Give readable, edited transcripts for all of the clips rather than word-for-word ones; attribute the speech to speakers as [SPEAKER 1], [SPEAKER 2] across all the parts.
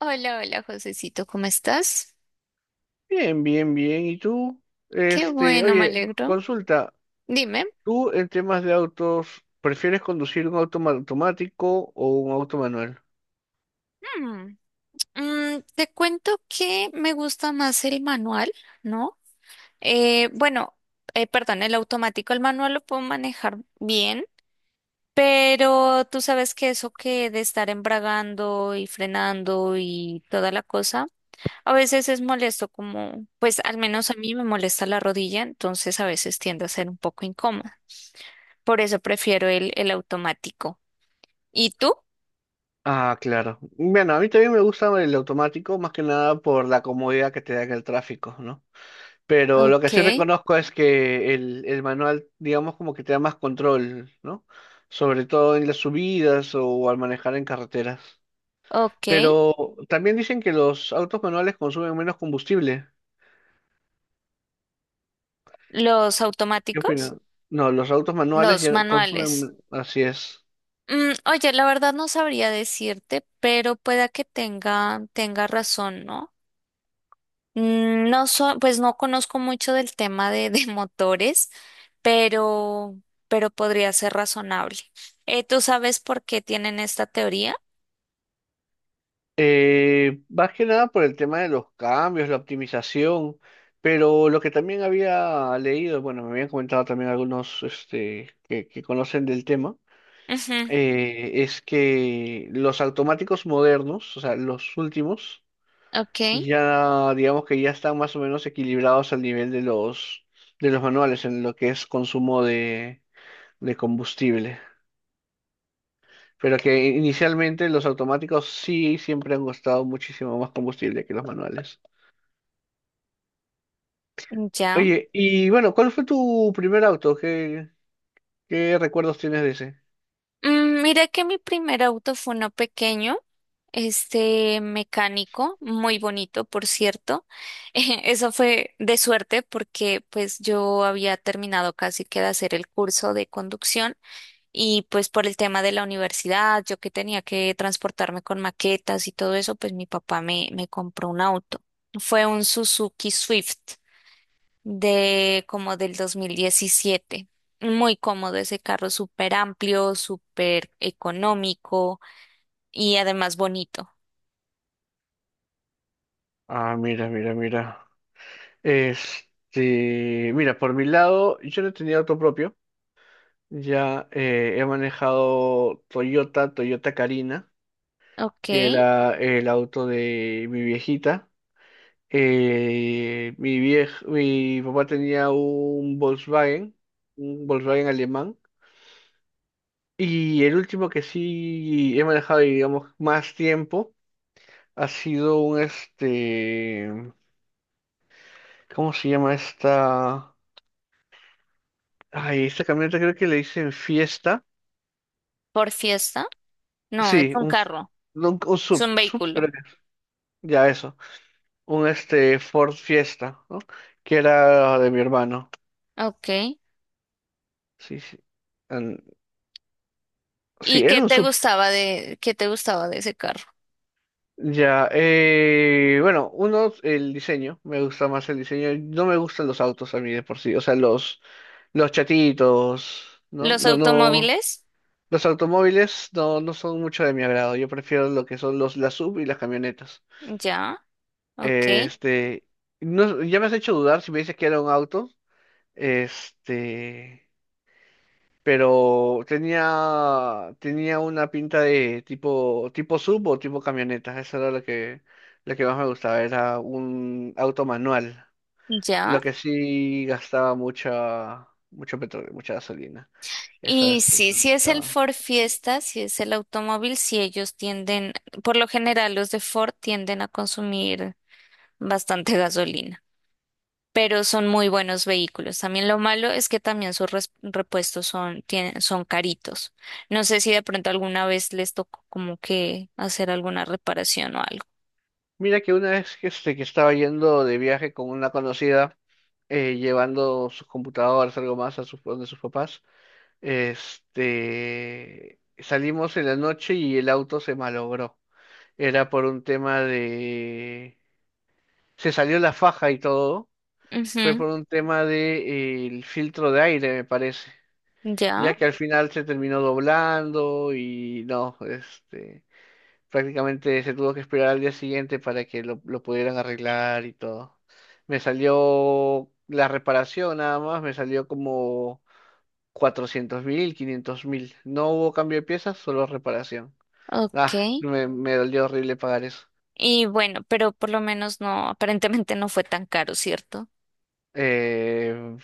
[SPEAKER 1] Hola, hola, Josecito, ¿cómo estás?
[SPEAKER 2] Bien, bien, bien. ¿Y tú?
[SPEAKER 1] Qué bueno, me
[SPEAKER 2] Oye,
[SPEAKER 1] alegro.
[SPEAKER 2] consulta,
[SPEAKER 1] Dime.
[SPEAKER 2] ¿tú en temas de autos prefieres conducir un automático o un auto manual?
[SPEAKER 1] Mm, te cuento que me gusta más el manual, ¿no? Bueno, perdón, el automático, el manual lo puedo manejar bien, pero tú sabes que eso que de estar embragando y frenando y toda la cosa, a veces es molesto, como, pues al menos a mí me molesta la rodilla, entonces a veces tiende a ser un poco incómoda. Por eso prefiero el automático. ¿Y tú?
[SPEAKER 2] Ah, claro. Bueno, a mí también me gusta el automático, más que nada por la comodidad que te da en el tráfico, ¿no? Pero lo que
[SPEAKER 1] Ok,
[SPEAKER 2] sí reconozco es que el manual, digamos, como que te da más control, ¿no? Sobre todo en las subidas o al manejar en carreteras.
[SPEAKER 1] ok.
[SPEAKER 2] Pero también dicen que los autos manuales consumen menos combustible.
[SPEAKER 1] Los
[SPEAKER 2] ¿Qué opinas?
[SPEAKER 1] automáticos,
[SPEAKER 2] No, los autos manuales
[SPEAKER 1] los
[SPEAKER 2] ya
[SPEAKER 1] manuales.
[SPEAKER 2] consumen, así es.
[SPEAKER 1] Mm, oye, la verdad no sabría decirte, pero pueda que tenga razón, ¿no? Mm, no pues no conozco mucho del tema de motores, pero, pero podría ser razonable. ¿Tú sabes por qué tienen esta teoría?
[SPEAKER 2] Más que nada por el tema de los cambios, la optimización, pero lo que también había leído, bueno, me habían comentado también algunos que conocen del tema,
[SPEAKER 1] Ujú.
[SPEAKER 2] es que los automáticos modernos, o sea, los últimos,
[SPEAKER 1] Ok,
[SPEAKER 2] ya digamos que ya están más o menos equilibrados al nivel de los manuales en lo que es consumo de combustible. Pero que inicialmente los automáticos sí siempre han costado muchísimo más combustible que los manuales.
[SPEAKER 1] ya.
[SPEAKER 2] Oye, y bueno, ¿cuál fue tu primer auto? ¿Qué recuerdos tienes de ese?
[SPEAKER 1] Mm, mira que mi primer auto fue uno pequeño, este mecánico, muy bonito, por cierto. Eso fue de suerte porque pues yo había terminado casi que de hacer el curso de conducción y pues por el tema de la universidad, yo que tenía que transportarme con maquetas y todo eso, pues mi papá me compró un auto. Fue un Suzuki Swift de como del 2017. Muy cómodo ese carro, súper amplio, súper económico y además bonito.
[SPEAKER 2] Ah, mira, mira, mira. Mira, por mi lado, yo no tenía auto propio. Ya, he manejado Toyota, Toyota Carina,
[SPEAKER 1] Ok,
[SPEAKER 2] que era el auto de mi viejita. Mi papá tenía un Volkswagen alemán. Y el último que sí he manejado, digamos, más tiempo ha sido un ¿cómo se llama esta? Ay, esta camioneta creo que le dicen Fiesta.
[SPEAKER 1] por fiesta. No, es
[SPEAKER 2] Sí,
[SPEAKER 1] un
[SPEAKER 2] un, f-
[SPEAKER 1] carro,
[SPEAKER 2] no, un
[SPEAKER 1] es
[SPEAKER 2] sub,
[SPEAKER 1] un
[SPEAKER 2] sub
[SPEAKER 1] vehículo.
[SPEAKER 2] creo que es. Ya eso, un Ford Fiesta, ¿no? Que era de mi hermano.
[SPEAKER 1] Ok.
[SPEAKER 2] Sí, sí. An- sí,
[SPEAKER 1] ¿Y qué
[SPEAKER 2] era un
[SPEAKER 1] te
[SPEAKER 2] sub.
[SPEAKER 1] gustaba de, qué te gustaba de ese carro?
[SPEAKER 2] Ya, bueno, uno, el diseño, me gusta más el diseño, no me gustan los autos a mí de por sí, o sea, los chatitos, ¿no?
[SPEAKER 1] ¿Los
[SPEAKER 2] No, no,
[SPEAKER 1] automóviles?
[SPEAKER 2] los automóviles no, no son mucho de mi agrado, yo prefiero lo que son los, las sub y las camionetas.
[SPEAKER 1] Ya, ok,
[SPEAKER 2] Este, no, ya me has hecho dudar si me dices que era un auto, este... pero tenía, tenía una pinta de tipo, tipo sub o tipo camioneta. Eso era lo que más me gustaba, era un auto manual. Lo
[SPEAKER 1] ya.
[SPEAKER 2] que sí gastaba mucha, mucho petróleo, mucha gasolina. Eso
[SPEAKER 1] Y
[SPEAKER 2] es lo que
[SPEAKER 1] sí,
[SPEAKER 2] me
[SPEAKER 1] si es el
[SPEAKER 2] gustaba.
[SPEAKER 1] Ford Fiesta, si es el automóvil, si ellos tienden, por lo general los de Ford tienden a consumir bastante gasolina, pero son muy buenos vehículos. También lo malo es que también sus repuestos son, tienen, son caritos. No sé si de pronto alguna vez les tocó como que hacer alguna reparación o algo.
[SPEAKER 2] Mira que una vez que estaba yendo de viaje con una conocida, llevando sus computadoras, algo más a sus, donde sus papás, salimos en la noche y el auto se malogró. Era por un tema de... Se salió la faja y todo, fue
[SPEAKER 1] Ujú.
[SPEAKER 2] por un tema de, el filtro de aire, me parece,
[SPEAKER 1] Ya,
[SPEAKER 2] ya que al final se terminó doblando y no, prácticamente se tuvo que esperar al día siguiente para que lo pudieran arreglar y todo. Me salió la reparación nada más, me salió como 400 mil, 500 mil. No hubo cambio de piezas, solo reparación.
[SPEAKER 1] ok.
[SPEAKER 2] Ah, me dolió horrible pagar eso.
[SPEAKER 1] Y bueno, pero por lo menos no, aparentemente no fue tan caro, ¿cierto?
[SPEAKER 2] Eh,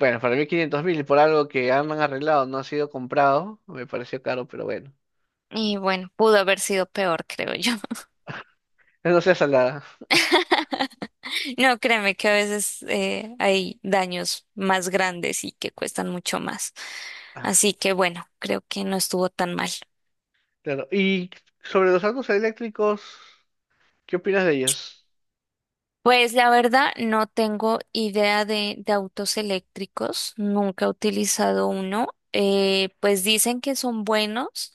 [SPEAKER 2] Bueno, para mí 500 mil por algo que han arreglado, no ha sido comprado, me pareció caro, pero bueno.
[SPEAKER 1] Y bueno, pudo haber sido peor, creo yo.
[SPEAKER 2] No sea salada.
[SPEAKER 1] No, créeme que a veces hay daños más grandes y que cuestan mucho más.
[SPEAKER 2] Ah,
[SPEAKER 1] Así que bueno, creo que no estuvo tan mal.
[SPEAKER 2] claro. Y sobre los autos eléctricos, ¿qué opinas de ellos?
[SPEAKER 1] Pues la verdad no tengo idea de autos eléctricos, nunca he utilizado uno. Pues dicen que son buenos,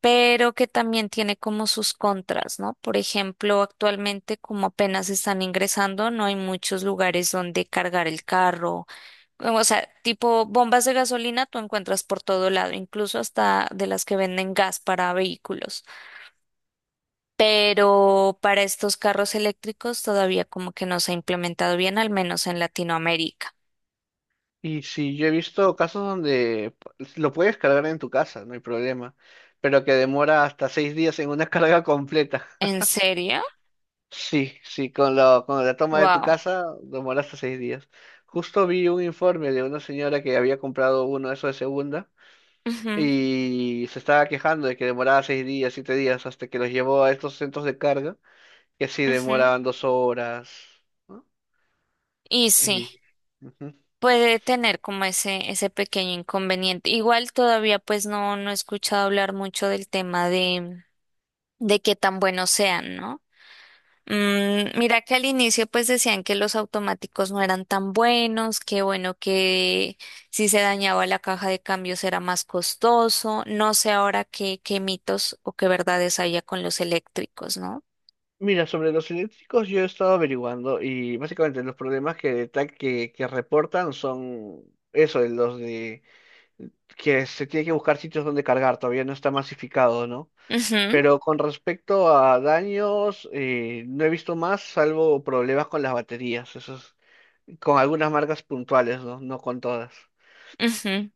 [SPEAKER 1] pero que también tiene como sus contras, ¿no? Por ejemplo, actualmente como apenas están ingresando, no hay muchos lugares donde cargar el carro. O sea, tipo bombas de gasolina tú encuentras por todo lado, incluso hasta de las que venden gas para vehículos. Pero para estos carros eléctricos todavía como que no se ha implementado bien, al menos en Latinoamérica.
[SPEAKER 2] Y si yo he visto casos donde lo puedes cargar en tu casa, no hay problema, pero que demora hasta seis días en una carga completa.
[SPEAKER 1] ¿En serio?
[SPEAKER 2] Sí, sí, con la toma de tu
[SPEAKER 1] Wow.
[SPEAKER 2] casa demora hasta seis días. Justo vi un informe de una señora que había comprado uno de esos de segunda
[SPEAKER 1] Ujú,
[SPEAKER 2] y se estaba quejando de que demoraba seis días, siete días, hasta que los llevó a estos centros de carga, que sí
[SPEAKER 1] ujú.
[SPEAKER 2] demoraban dos horas, ¿no?
[SPEAKER 1] Y sí,
[SPEAKER 2] Y, ujú.
[SPEAKER 1] puede tener como ese pequeño inconveniente. Igual todavía pues no, no he escuchado hablar mucho del tema de qué tan buenos sean, ¿no? Mm, mira que al inicio pues decían que los automáticos no eran tan buenos, que bueno, que si se dañaba la caja de cambios era más costoso. No sé ahora qué, qué mitos o qué verdades había con los eléctricos, ¿no?
[SPEAKER 2] Mira, sobre los eléctricos yo he estado averiguando y básicamente los problemas que reportan son eso, de los de que se tiene que buscar sitios donde cargar, todavía no está masificado, ¿no?
[SPEAKER 1] Ujú,
[SPEAKER 2] Pero con respecto a daños, no he visto más, salvo problemas con las baterías. Eso con algunas marcas puntuales, ¿no? No con todas.
[SPEAKER 1] ujú.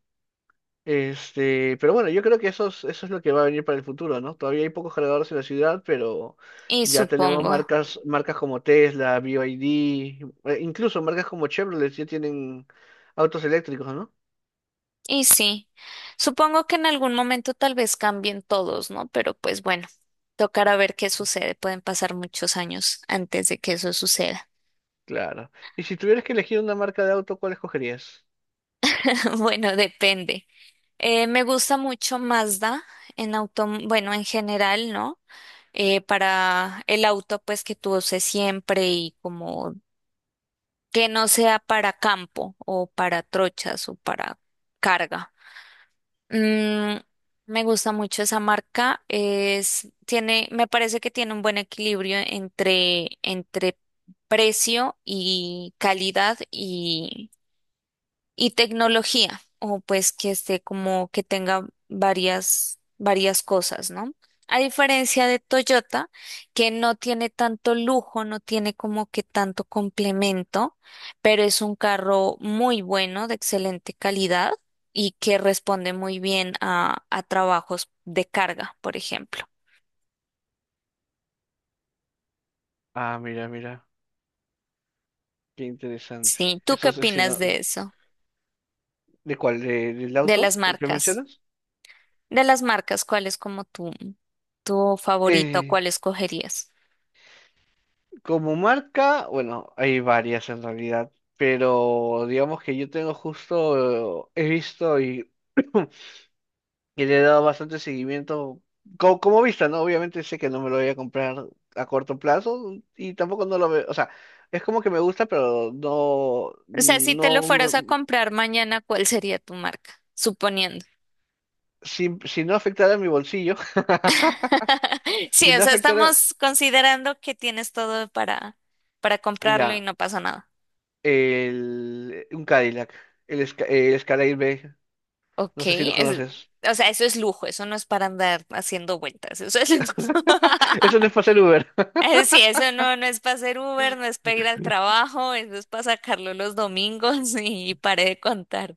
[SPEAKER 2] Pero bueno, yo creo que eso es lo que va a venir para el futuro, ¿no? Todavía hay pocos cargadores en la ciudad, pero
[SPEAKER 1] Y
[SPEAKER 2] ya tenemos
[SPEAKER 1] supongo,
[SPEAKER 2] marcas, marcas como Tesla, BYD, incluso marcas como Chevrolet ya tienen autos eléctricos, ¿no?
[SPEAKER 1] y sí, supongo que en algún momento tal vez cambien todos, ¿no? Pero pues bueno, tocará ver qué sucede. Pueden pasar muchos años antes de que eso suceda.
[SPEAKER 2] Claro. Y si tuvieras que elegir una marca de auto, ¿cuál escogerías?
[SPEAKER 1] Bueno, depende. Me gusta mucho Mazda en auto, bueno, en general, ¿no? Para el auto, pues que tú uses siempre y como que no sea para campo o para trochas o para carga. Mm, me gusta mucho esa marca. Es, tiene, me parece que tiene un buen equilibrio entre precio y calidad y tecnología, o pues que esté como que tenga varias cosas, ¿no? A diferencia de Toyota, que no tiene tanto lujo, no tiene como que tanto complemento, pero es un carro muy bueno, de excelente calidad y que responde muy bien a trabajos de carga, por ejemplo.
[SPEAKER 2] Ah, mira, mira, qué interesante.
[SPEAKER 1] Sí, ¿tú qué
[SPEAKER 2] Eso es, si
[SPEAKER 1] opinas
[SPEAKER 2] no-
[SPEAKER 1] de eso?
[SPEAKER 2] ¿de cuál? ¿ del
[SPEAKER 1] De las
[SPEAKER 2] auto? ¿El que
[SPEAKER 1] marcas.
[SPEAKER 2] mencionas?
[SPEAKER 1] De las marcas, ¿cuál es como tu favorito?
[SPEAKER 2] Eh,
[SPEAKER 1] ¿Cuál escogerías?
[SPEAKER 2] Como marca, bueno, hay varias en realidad, pero digamos que yo tengo justo, he visto y le he dado bastante seguimiento como, vista, ¿no? Obviamente sé que no me lo voy a comprar a corto plazo y tampoco no lo veo, o sea, es como que me gusta, pero
[SPEAKER 1] O sea, si te lo fueras a comprar mañana, ¿cuál sería tu marca? Suponiendo.
[SPEAKER 2] si, si no afectara mi bolsillo, si
[SPEAKER 1] Sí, o
[SPEAKER 2] no
[SPEAKER 1] sea,
[SPEAKER 2] afectara,
[SPEAKER 1] estamos considerando que tienes todo para comprarlo y
[SPEAKER 2] ya,
[SPEAKER 1] no pasa nada.
[SPEAKER 2] un Cadillac, el Escalade B,
[SPEAKER 1] Ok,
[SPEAKER 2] no sé si lo conoces.
[SPEAKER 1] o sea, eso es lujo, eso no es para andar haciendo vueltas, eso es lujo.
[SPEAKER 2] Eso no es para hacer Uber.
[SPEAKER 1] Sí, eso no es para hacer Uber, no es para ir al trabajo, eso es para sacarlo los domingos y, paré de contar.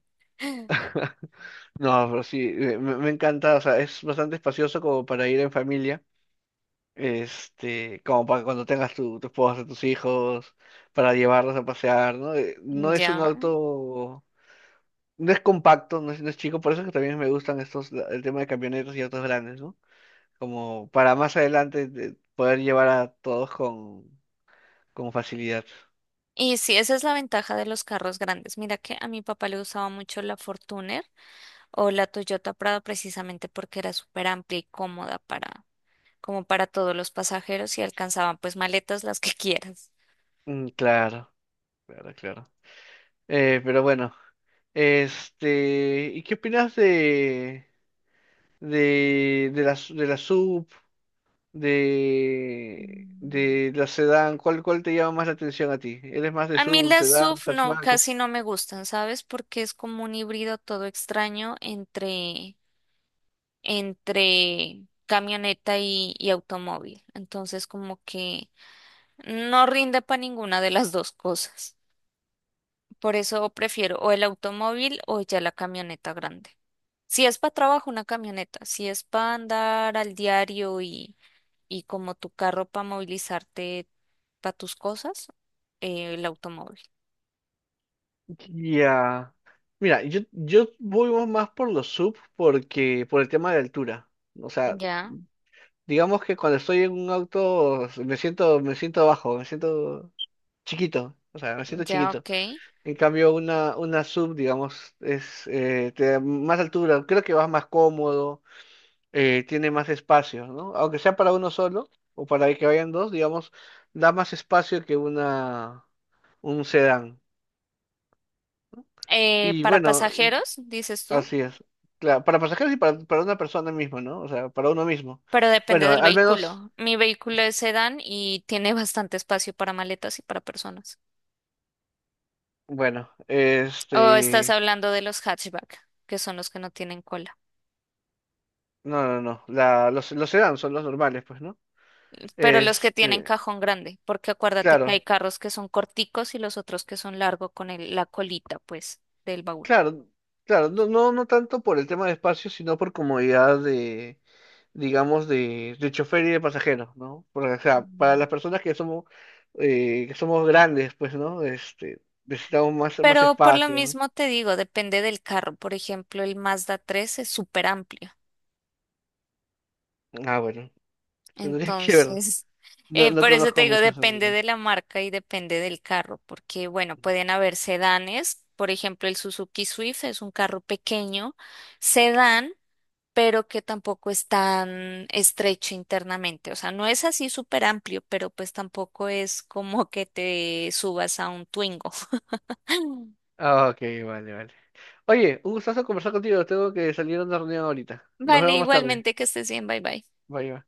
[SPEAKER 2] No, pero sí, me encanta, o sea, es bastante espacioso como para ir en familia, como para cuando tengas tu, tu esposa, tus hijos, para llevarlos a pasear, ¿no? No es un
[SPEAKER 1] Ya.
[SPEAKER 2] auto, no es compacto, no es chico, por eso es que también me gustan estos, el tema de camionetas y autos grandes, ¿no? Como para más adelante poder llevar a todos con facilidad.
[SPEAKER 1] Y sí, esa es la ventaja de los carros grandes. Mira que a mi papá le gustaba mucho la Fortuner o la Toyota Prado precisamente porque era súper amplia y cómoda para, como para todos los pasajeros y alcanzaban pues maletas las que quieras.
[SPEAKER 2] Mm, claro, claro, claro. Pero bueno, ¿y qué opinas de... de la sub, de la sedán, ¿cuál te llama más la atención a ti? ¿Eres más de
[SPEAKER 1] A mí
[SPEAKER 2] sub,
[SPEAKER 1] las
[SPEAKER 2] sedán,
[SPEAKER 1] SUV no,
[SPEAKER 2] hatchback?
[SPEAKER 1] casi no me gustan, ¿sabes? Porque es como un híbrido todo extraño entre camioneta y automóvil. Entonces como que no rinde para ninguna de las dos cosas. Por eso prefiero o el automóvil o ya la camioneta grande. Si es para trabajo, una camioneta. Si es para andar al diario y como tu carro para movilizarte para tus cosas, el automóvil.
[SPEAKER 2] Ya. Mira, yo voy más por los sub porque por el tema de altura. O sea,
[SPEAKER 1] Ya,
[SPEAKER 2] digamos que cuando estoy en un auto me siento bajo, me siento chiquito. O sea, me siento
[SPEAKER 1] ya,
[SPEAKER 2] chiquito.
[SPEAKER 1] ok.
[SPEAKER 2] En cambio, una sub, digamos, es, te da más altura. Creo que vas más cómodo, tiene más espacio, ¿no? Aunque sea para uno solo o para que vayan dos, digamos, da más espacio que una un sedán. Y
[SPEAKER 1] Para
[SPEAKER 2] bueno,
[SPEAKER 1] pasajeros, dices tú,
[SPEAKER 2] así es. Claro, para pasajeros y para una persona misma, ¿no? O sea, para uno mismo.
[SPEAKER 1] pero depende
[SPEAKER 2] Bueno,
[SPEAKER 1] del
[SPEAKER 2] al menos,
[SPEAKER 1] vehículo. Mi vehículo es sedán y tiene bastante espacio para maletas y para personas.
[SPEAKER 2] bueno,
[SPEAKER 1] O estás hablando de los hatchback, que son los que no tienen cola.
[SPEAKER 2] no, no, los sedán son los normales, pues, ¿no?
[SPEAKER 1] Pero los que tienen
[SPEAKER 2] Este,
[SPEAKER 1] cajón grande, porque acuérdate que hay
[SPEAKER 2] claro,
[SPEAKER 1] carros que son corticos y los otros que son largos con la colita, pues, del baúl.
[SPEAKER 2] claro, claro, no, no, no tanto por el tema de espacio, sino por comodidad de, digamos, de chofer y de pasajeros, ¿no? Porque, o sea, para
[SPEAKER 1] Mm.
[SPEAKER 2] las personas que somos grandes, pues, ¿no? Necesitamos más, más
[SPEAKER 1] Pero por lo
[SPEAKER 2] espacio, ¿no?
[SPEAKER 1] mismo te digo, depende del carro. Por ejemplo, el Mazda 3 es súper amplio.
[SPEAKER 2] Ah, bueno, tendría que ver.
[SPEAKER 1] Entonces,
[SPEAKER 2] No, no
[SPEAKER 1] por eso te
[SPEAKER 2] conozco
[SPEAKER 1] digo,
[SPEAKER 2] mucho sobre
[SPEAKER 1] depende
[SPEAKER 2] bien.
[SPEAKER 1] de la marca y depende del carro, porque bueno, pueden haber sedanes. Por ejemplo, el Suzuki Swift es un carro pequeño, sedán, pero que tampoco es tan estrecho internamente. O sea, no es así súper amplio, pero pues tampoco es como que te subas a un Twingo.
[SPEAKER 2] Ah, ok, vale, vale. Oye, un gustazo conversar contigo. Tengo que salir a una reunión ahorita. Nos
[SPEAKER 1] Vale,
[SPEAKER 2] vemos más tarde.
[SPEAKER 1] igualmente que estés bien, bye bye.
[SPEAKER 2] Bye, bye.